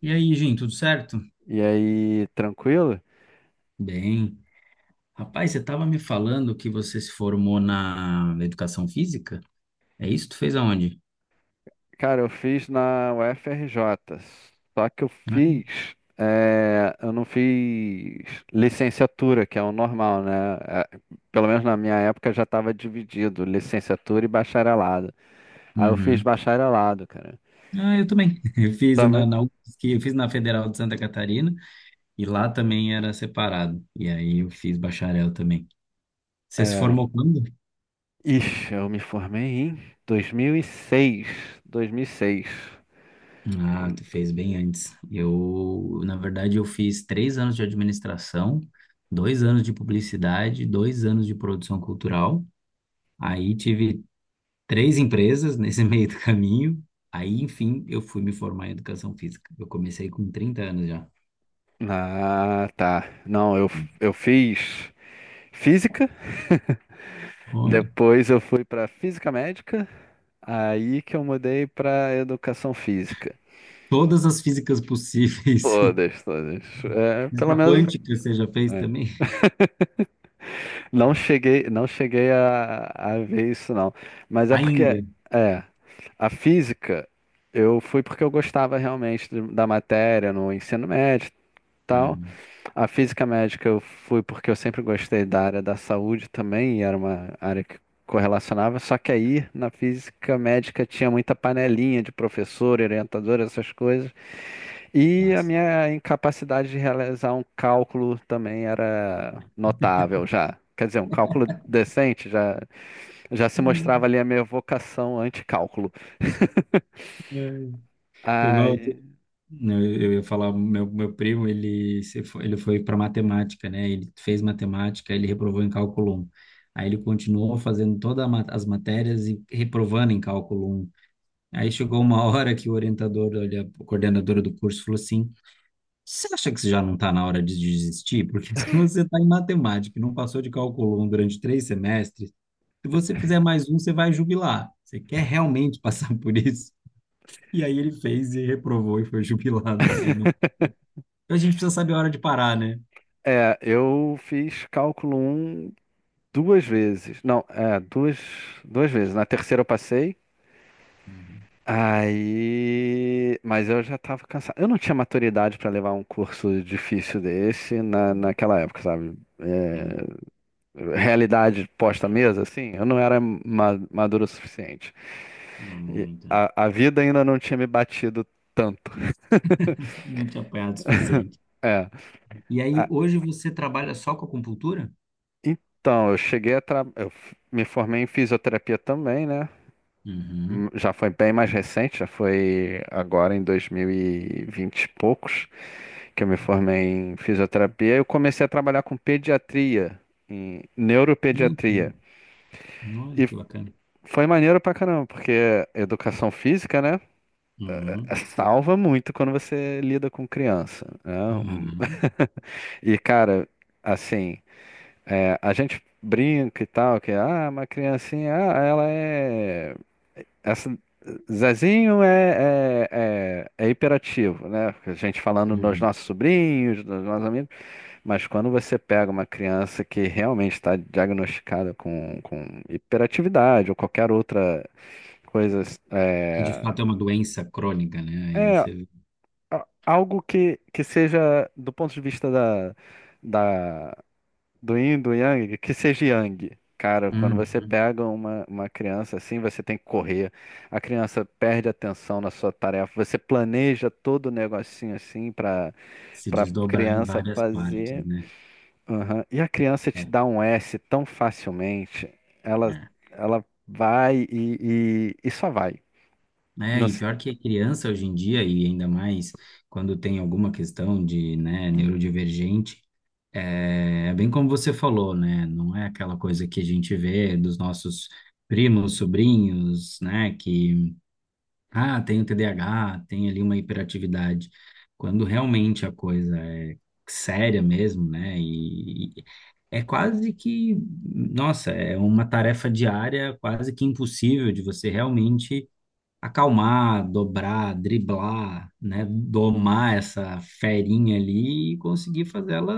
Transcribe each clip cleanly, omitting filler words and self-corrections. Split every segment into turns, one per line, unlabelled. E aí, Jim, tudo certo?
E aí, tranquilo?
Bem. Rapaz, você estava me falando que você se formou na educação física? É isso? Tu fez aonde?
Cara, eu fiz na UFRJ, só que eu
Ah,
fiz, eu não fiz licenciatura, que é o normal, né? Eh, Pelo menos na minha época já estava dividido, licenciatura e bacharelado. Aí eu fiz
uhum.
bacharelado, cara.
Ah, eu também. Eu fiz
Também,
na UFSC, eu fiz na Federal de Santa Catarina e lá também era separado. E aí eu fiz bacharel também. Você se
é,
formou quando?
ixi, eu me formei em 2006, 2006.
Ah, tu fez bem antes. Eu, na verdade, eu fiz 3 anos de administração, 2 anos de publicidade, 2 anos de produção cultural. Aí tive três empresas nesse meio do caminho. Aí, enfim, eu fui me formar em educação física. Eu comecei com 30 anos já.
Ah, tá. Não, eu fiz física.
Olha,
Depois eu fui pra física médica, aí que eu mudei pra educação física.
todas as físicas possíveis.
Todas, todas. É, pelo
Física
menos
quântica você já fez
é.
também?
Não cheguei a ver isso não. Mas é porque
Ainda.
é a física, eu fui porque eu gostava realmente da matéria no ensino médio, e tal.
Uhum.
A física médica eu fui porque eu sempre gostei da área da saúde também, e era uma área que correlacionava, só que aí na física médica tinha muita panelinha de professor, orientador, essas coisas, e a
Nossa.
minha incapacidade de realizar um cálculo também era notável já. Quer dizer, um cálculo decente já, já se mostrava
É,
ali a minha vocação anti-cálculo.
é. Foi igual,
Ai,
eu ia falar, meu primo, ele, se foi- ele foi para matemática, né? Ele fez matemática, ele reprovou em cálculo um. Aí ele continuou fazendo todas as matérias e reprovando em cálculo um. Aí chegou uma hora que o orientador, olha, a coordenadora do curso falou assim: Você acha que você já não está na hora de desistir? Porque se você está em matemática e não passou de cálculo um durante 3 semestres, se você fizer mais um, você vai jubilar. Você quer realmente passar por isso? E aí ele fez e reprovou e foi jubilado, porque ele não. A gente precisa saber a hora de parar, né?
é, eu fiz cálculo um duas vezes. Não, é, duas, duas vezes. Na terceira eu passei.
Uhum.
Aí, mas eu já tava cansado. Eu não tinha maturidade para levar um curso difícil desse naquela época, sabe?
Tem,
É, realidade posta à mesa, assim, eu não era maduro o suficiente.
no
E
momento, né?
a vida ainda não tinha me batido tanto.
Eu não tinha apanhado o suficiente.
É.
E aí,
A-
hoje você trabalha só com acupuntura?
então, eu cheguei a tra... eu f- me formei em fisioterapia também, né?
Uhum.
Já foi bem mais recente, já foi agora em dois mil e vinte e poucos, que eu me formei em fisioterapia. Eu comecei a trabalhar com pediatria, em
Não, que-
neuropediatria.
Olha
E
que bacana.
foi maneiro pra caramba, porque educação física, né,
Uhum.
salva muito quando você lida com criança, né? Um-
Aham,
E, cara, assim, é, a gente brinca e tal, que ah, uma criancinha, ah, ela é. Essa- Zezinho é, é hiperativo, né? A gente falando dos
uhum.
nossos sobrinhos, dos nossos amigos, mas quando você pega uma criança que realmente está diagnosticada com hiperatividade ou qualquer outra coisa,
Que de
é,
fato é uma doença crônica, né? Aí
é
você.
algo que seja do ponto de vista da, da. Do yin, do yang, que seja yang. Cara, quando você
Uhum.
pega uma criança assim, você tem que correr. A criança perde atenção na sua tarefa. Você planeja todo o negocinho assim
Se
para
desdobrar em
criança
várias partes,
fazer.
né?
Aham. E a criança
É,
te dá um S tão facilmente. Ela
é.
ela vai e só vai.
É,
Não
e
se-
pior que a criança hoje em dia, e ainda mais quando tem alguma questão de, né, neurodivergente, é, é bem como você falou, né? Não é aquela coisa que a gente vê dos nossos primos, sobrinhos, né? Que ah, tem o TDAH, tem ali uma hiperatividade. Quando realmente a coisa é séria mesmo, né? E é quase que, nossa, é uma tarefa diária quase que impossível de você realmente acalmar, dobrar, driblar, né? Domar essa ferinha ali e conseguir fazê-la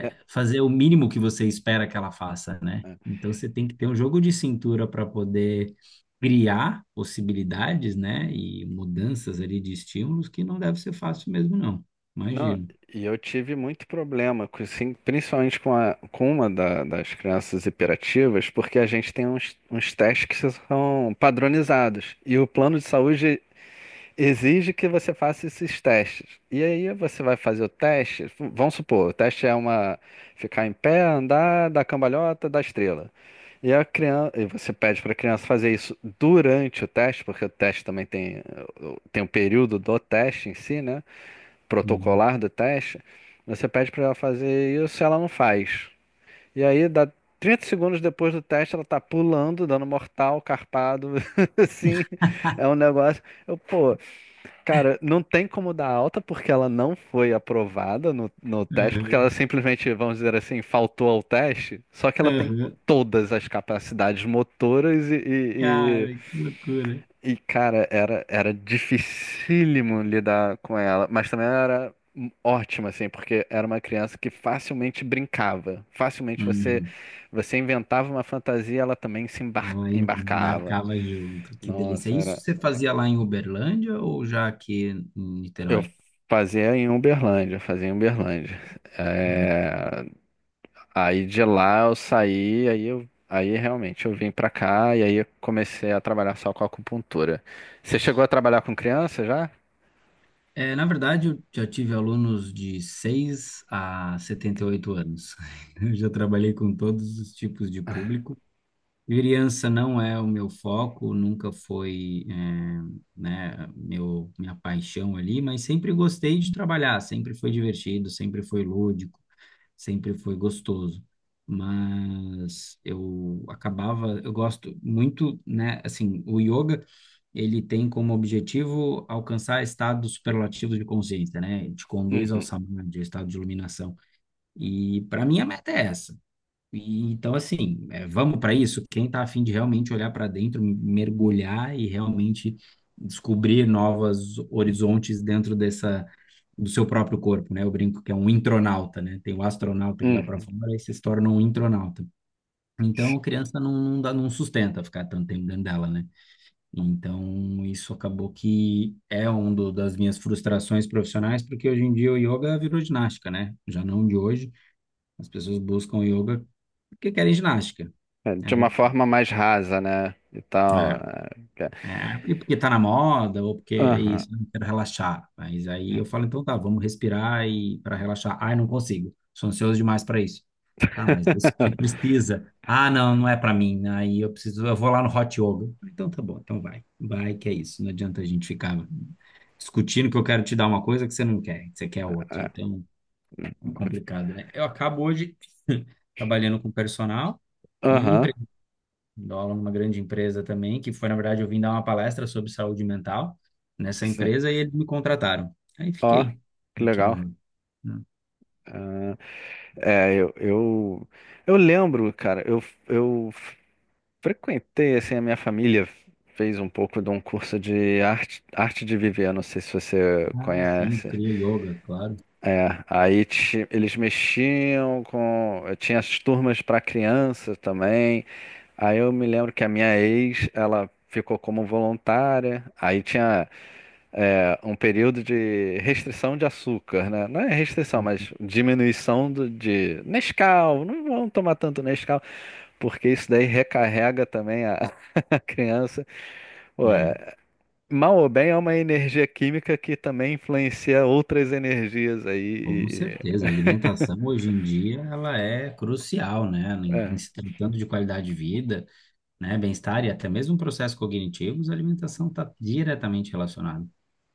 É. É.
fazer o mínimo que você espera que ela faça, né? Então você tem que ter um jogo de cintura para poder criar possibilidades, né? E mudanças ali de estímulos que não deve ser fácil mesmo, não.
Não,
Imagino.
e eu tive muito problema, com, assim, principalmente com, a, com uma das crianças hiperativas, porque a gente tem uns, uns testes que são padronizados. E o plano de saúde exige que você faça esses testes. E aí você vai fazer o teste, vamos supor, o teste é uma ficar em pé, andar, dar cambalhota, dar estrela. E a criança, e você pede para a criança fazer isso durante o teste, porque o teste também tem, tem um período do teste em si, né?
Uhum.
Protocolar do teste, você pede para ela fazer isso, ela não faz. E aí, dá 30 segundos depois do teste, ela tá pulando, dando mortal, carpado, assim, é um negócio. Eu, pô, cara, não tem como dar alta porque ela não foi aprovada no teste, porque
Aham,
ela simplesmente, vamos dizer assim, faltou ao teste, só que ela tem
aham.
todas as capacidades motoras e,
Cara, que loucura.
e, cara, era dificílimo lidar com ela, mas também era ótima, assim, porque era uma criança que facilmente brincava. Facilmente você
Uhum.
você inventava uma fantasia, ela também se
Ela
embarcava.
embarcava junto, que delícia.
Nossa,
Isso
era.
você fazia lá em Uberlândia ou já aqui em
Eu
Niterói?
fazia em Uberlândia, fazia em Uberlândia. É, aí de lá eu saí, aí eu. Aí realmente eu vim pra cá e aí eu comecei a trabalhar só com acupuntura. Você chegou a trabalhar com criança já?
É, na verdade, eu já tive alunos de 6 a 78 anos. Eu já trabalhei com todos os tipos de público. Criança não é o meu foco, nunca foi, é, né, meu, minha paixão ali, mas sempre gostei de trabalhar, sempre foi divertido, sempre foi lúdico, sempre foi gostoso. Mas eu acabava, eu gosto muito, né? Assim, o yoga, ele tem como objetivo alcançar estados superlativos de consciência, né? Ele te conduz ao
Uhum,
samadhi, ao estado de iluminação. E para mim a meta é essa. E, então, assim, é, vamos para isso. Quem está afim de realmente olhar para dentro, mergulhar e realmente descobrir novos horizontes dentro dessa, do seu próprio corpo, né? Eu brinco que é um intronauta, né? Tem o astronauta que vai para
uhum.
fora e se torna um intronauta. Então, a criança não, não dá, não sustenta ficar tanto tempo dentro dela, né? Então, isso acabou que é uma das minhas frustrações profissionais, porque hoje em dia o yoga virou ginástica, né? Já não de hoje. As pessoas buscam yoga porque querem ginástica.
É, de
É,
uma
eu,
forma mais rasa, né? E tal.
é,
É, que-
é, e porque tá na moda, ou porque é
aham.
isso, não quero relaxar. Mas aí eu falo, então tá, vamos respirar e para relaxar. Ai, não consigo, sou ansioso demais para isso. Tá, mas isso você precisa. Ah, não, não é para mim. Né? Aí eu preciso, eu vou lá no Hot Yoga. Então tá bom, então vai. Vai que é isso. Não adianta a gente ficar discutindo que eu quero te dar uma coisa que você não quer, que você quer outra.
É,
Então, é complicado, né? Eu acabo hoje trabalhando com personal e
aham.
dou aula numa grande empresa também, que foi, na verdade, eu vim dar uma palestra sobre saúde mental nessa
Sim.
empresa e eles me contrataram. Aí
Ó,
fiquei
que
aqui no
legal.
Rio.
Ah, é, eu lembro, cara, eu frequentei, assim, a minha família fez um pouco de um curso de arte, arte de viver, não sei se você
Ah, sim,
conhece.
cria yoga, claro.
É, aí eles mexiam com. Tinha as turmas para crianças também. Aí eu me lembro que a minha ex, ela ficou como voluntária. Aí tinha, é, um período de restrição de açúcar, né? Não é restrição, mas diminuição de Nescau. Não vão tomar tanto Nescau, porque isso daí recarrega também a, a criança. Pô,
É,
é, mal ou bem é uma energia química que também influencia outras energias aí.
com certeza. A alimentação hoje em dia ela é crucial, né? Em
É.
se tratando de qualidade de vida, né? Bem-estar e até mesmo processos cognitivos, a alimentação está diretamente relacionada.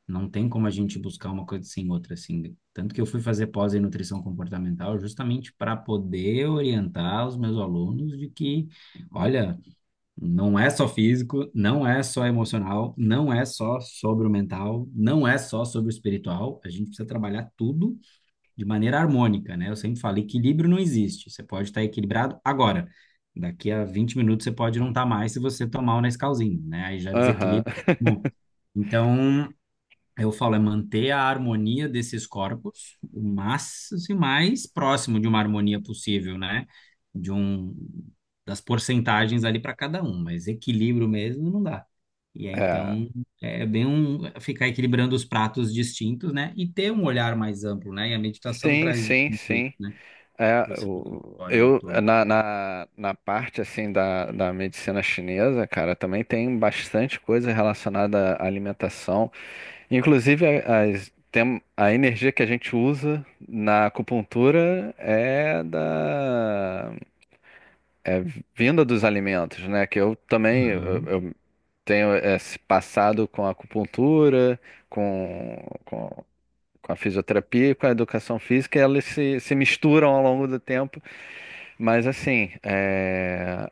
Não tem como a gente buscar uma coisa sem outra, assim. Tanto que eu fui fazer pós em nutrição comportamental justamente para poder orientar os meus alunos de que, olha, não é só físico, não é só emocional, não é só sobre o mental, não é só sobre o espiritual. A gente precisa trabalhar tudo de maneira harmônica, né? Eu sempre falo, equilíbrio não existe. Você pode estar equilibrado agora. Daqui a 20 minutos você pode não
Hum.
estar mais se você tomar o Nescauzinho, né? Aí já
Aham.
desequilibra. Bom, então, eu falo, é manter a harmonia desses corpos o máximo e mais próximo de uma harmonia possível, né? De um, das porcentagens ali para cada um, mas equilíbrio mesmo não dá. E aí,
É.
então é bem um ficar equilibrando os pratos distintos, né? E ter um olhar mais amplo, né? E a meditação
Sim,
traz
sim,
muito isso,
sim.
né?
É,
Você olha o auditório de
eu
todo.
na parte assim da medicina chinesa, cara, também tem bastante coisa relacionada à alimentação, inclusive as, tem, a energia que a gente usa na acupuntura é da, é vinda dos alimentos, né? Que eu também
Aham,
eu tenho esse passado com a acupuntura, com, com, com a fisioterapia e com a educação física, elas se misturam ao longo do tempo. Mas assim, é,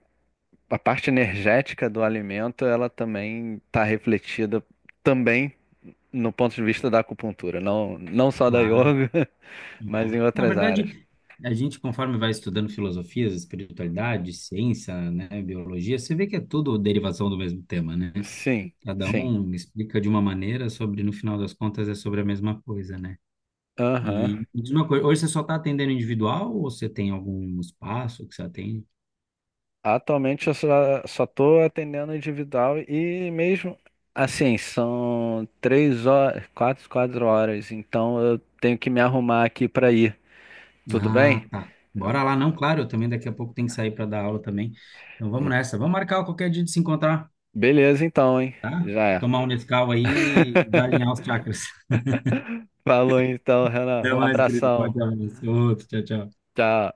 a parte energética do alimento, ela também está refletida também no ponto de vista da acupuntura, não só da
claro.
yoga, mas
É.
em
Na
outras áreas.
verdade, a gente, conforme vai estudando filosofias, espiritualidade, ciência, né, biologia, você vê que é tudo derivação do mesmo tema, né?
Sim,
Cada
sim.
um explica de uma maneira sobre, no final das contas, é sobre a mesma coisa, né?
Aham.
E me diz uma coisa, hoje você só está atendendo individual ou você tem algum espaço que você atende?
Atualmente eu só estou atendendo individual e mesmo assim, são três horas, quatro horas, então eu tenho que me arrumar aqui para ir. Tudo
Ah,
bem?
tá.
Eu-
Bora lá, não, claro, eu também daqui a pouco tenho que sair para dar aula também. Então vamos
e-
nessa. Vamos marcar qualquer dia de se encontrar,
Beleza então, hein?
tá?
Já é.
Tomar um Nescau aí, e alinhar os chakras.
Falou então, Renan.
Até
Um
mais, querido.
abração.
Forte abraço. Outro. Tchau, tchau.
Tchau.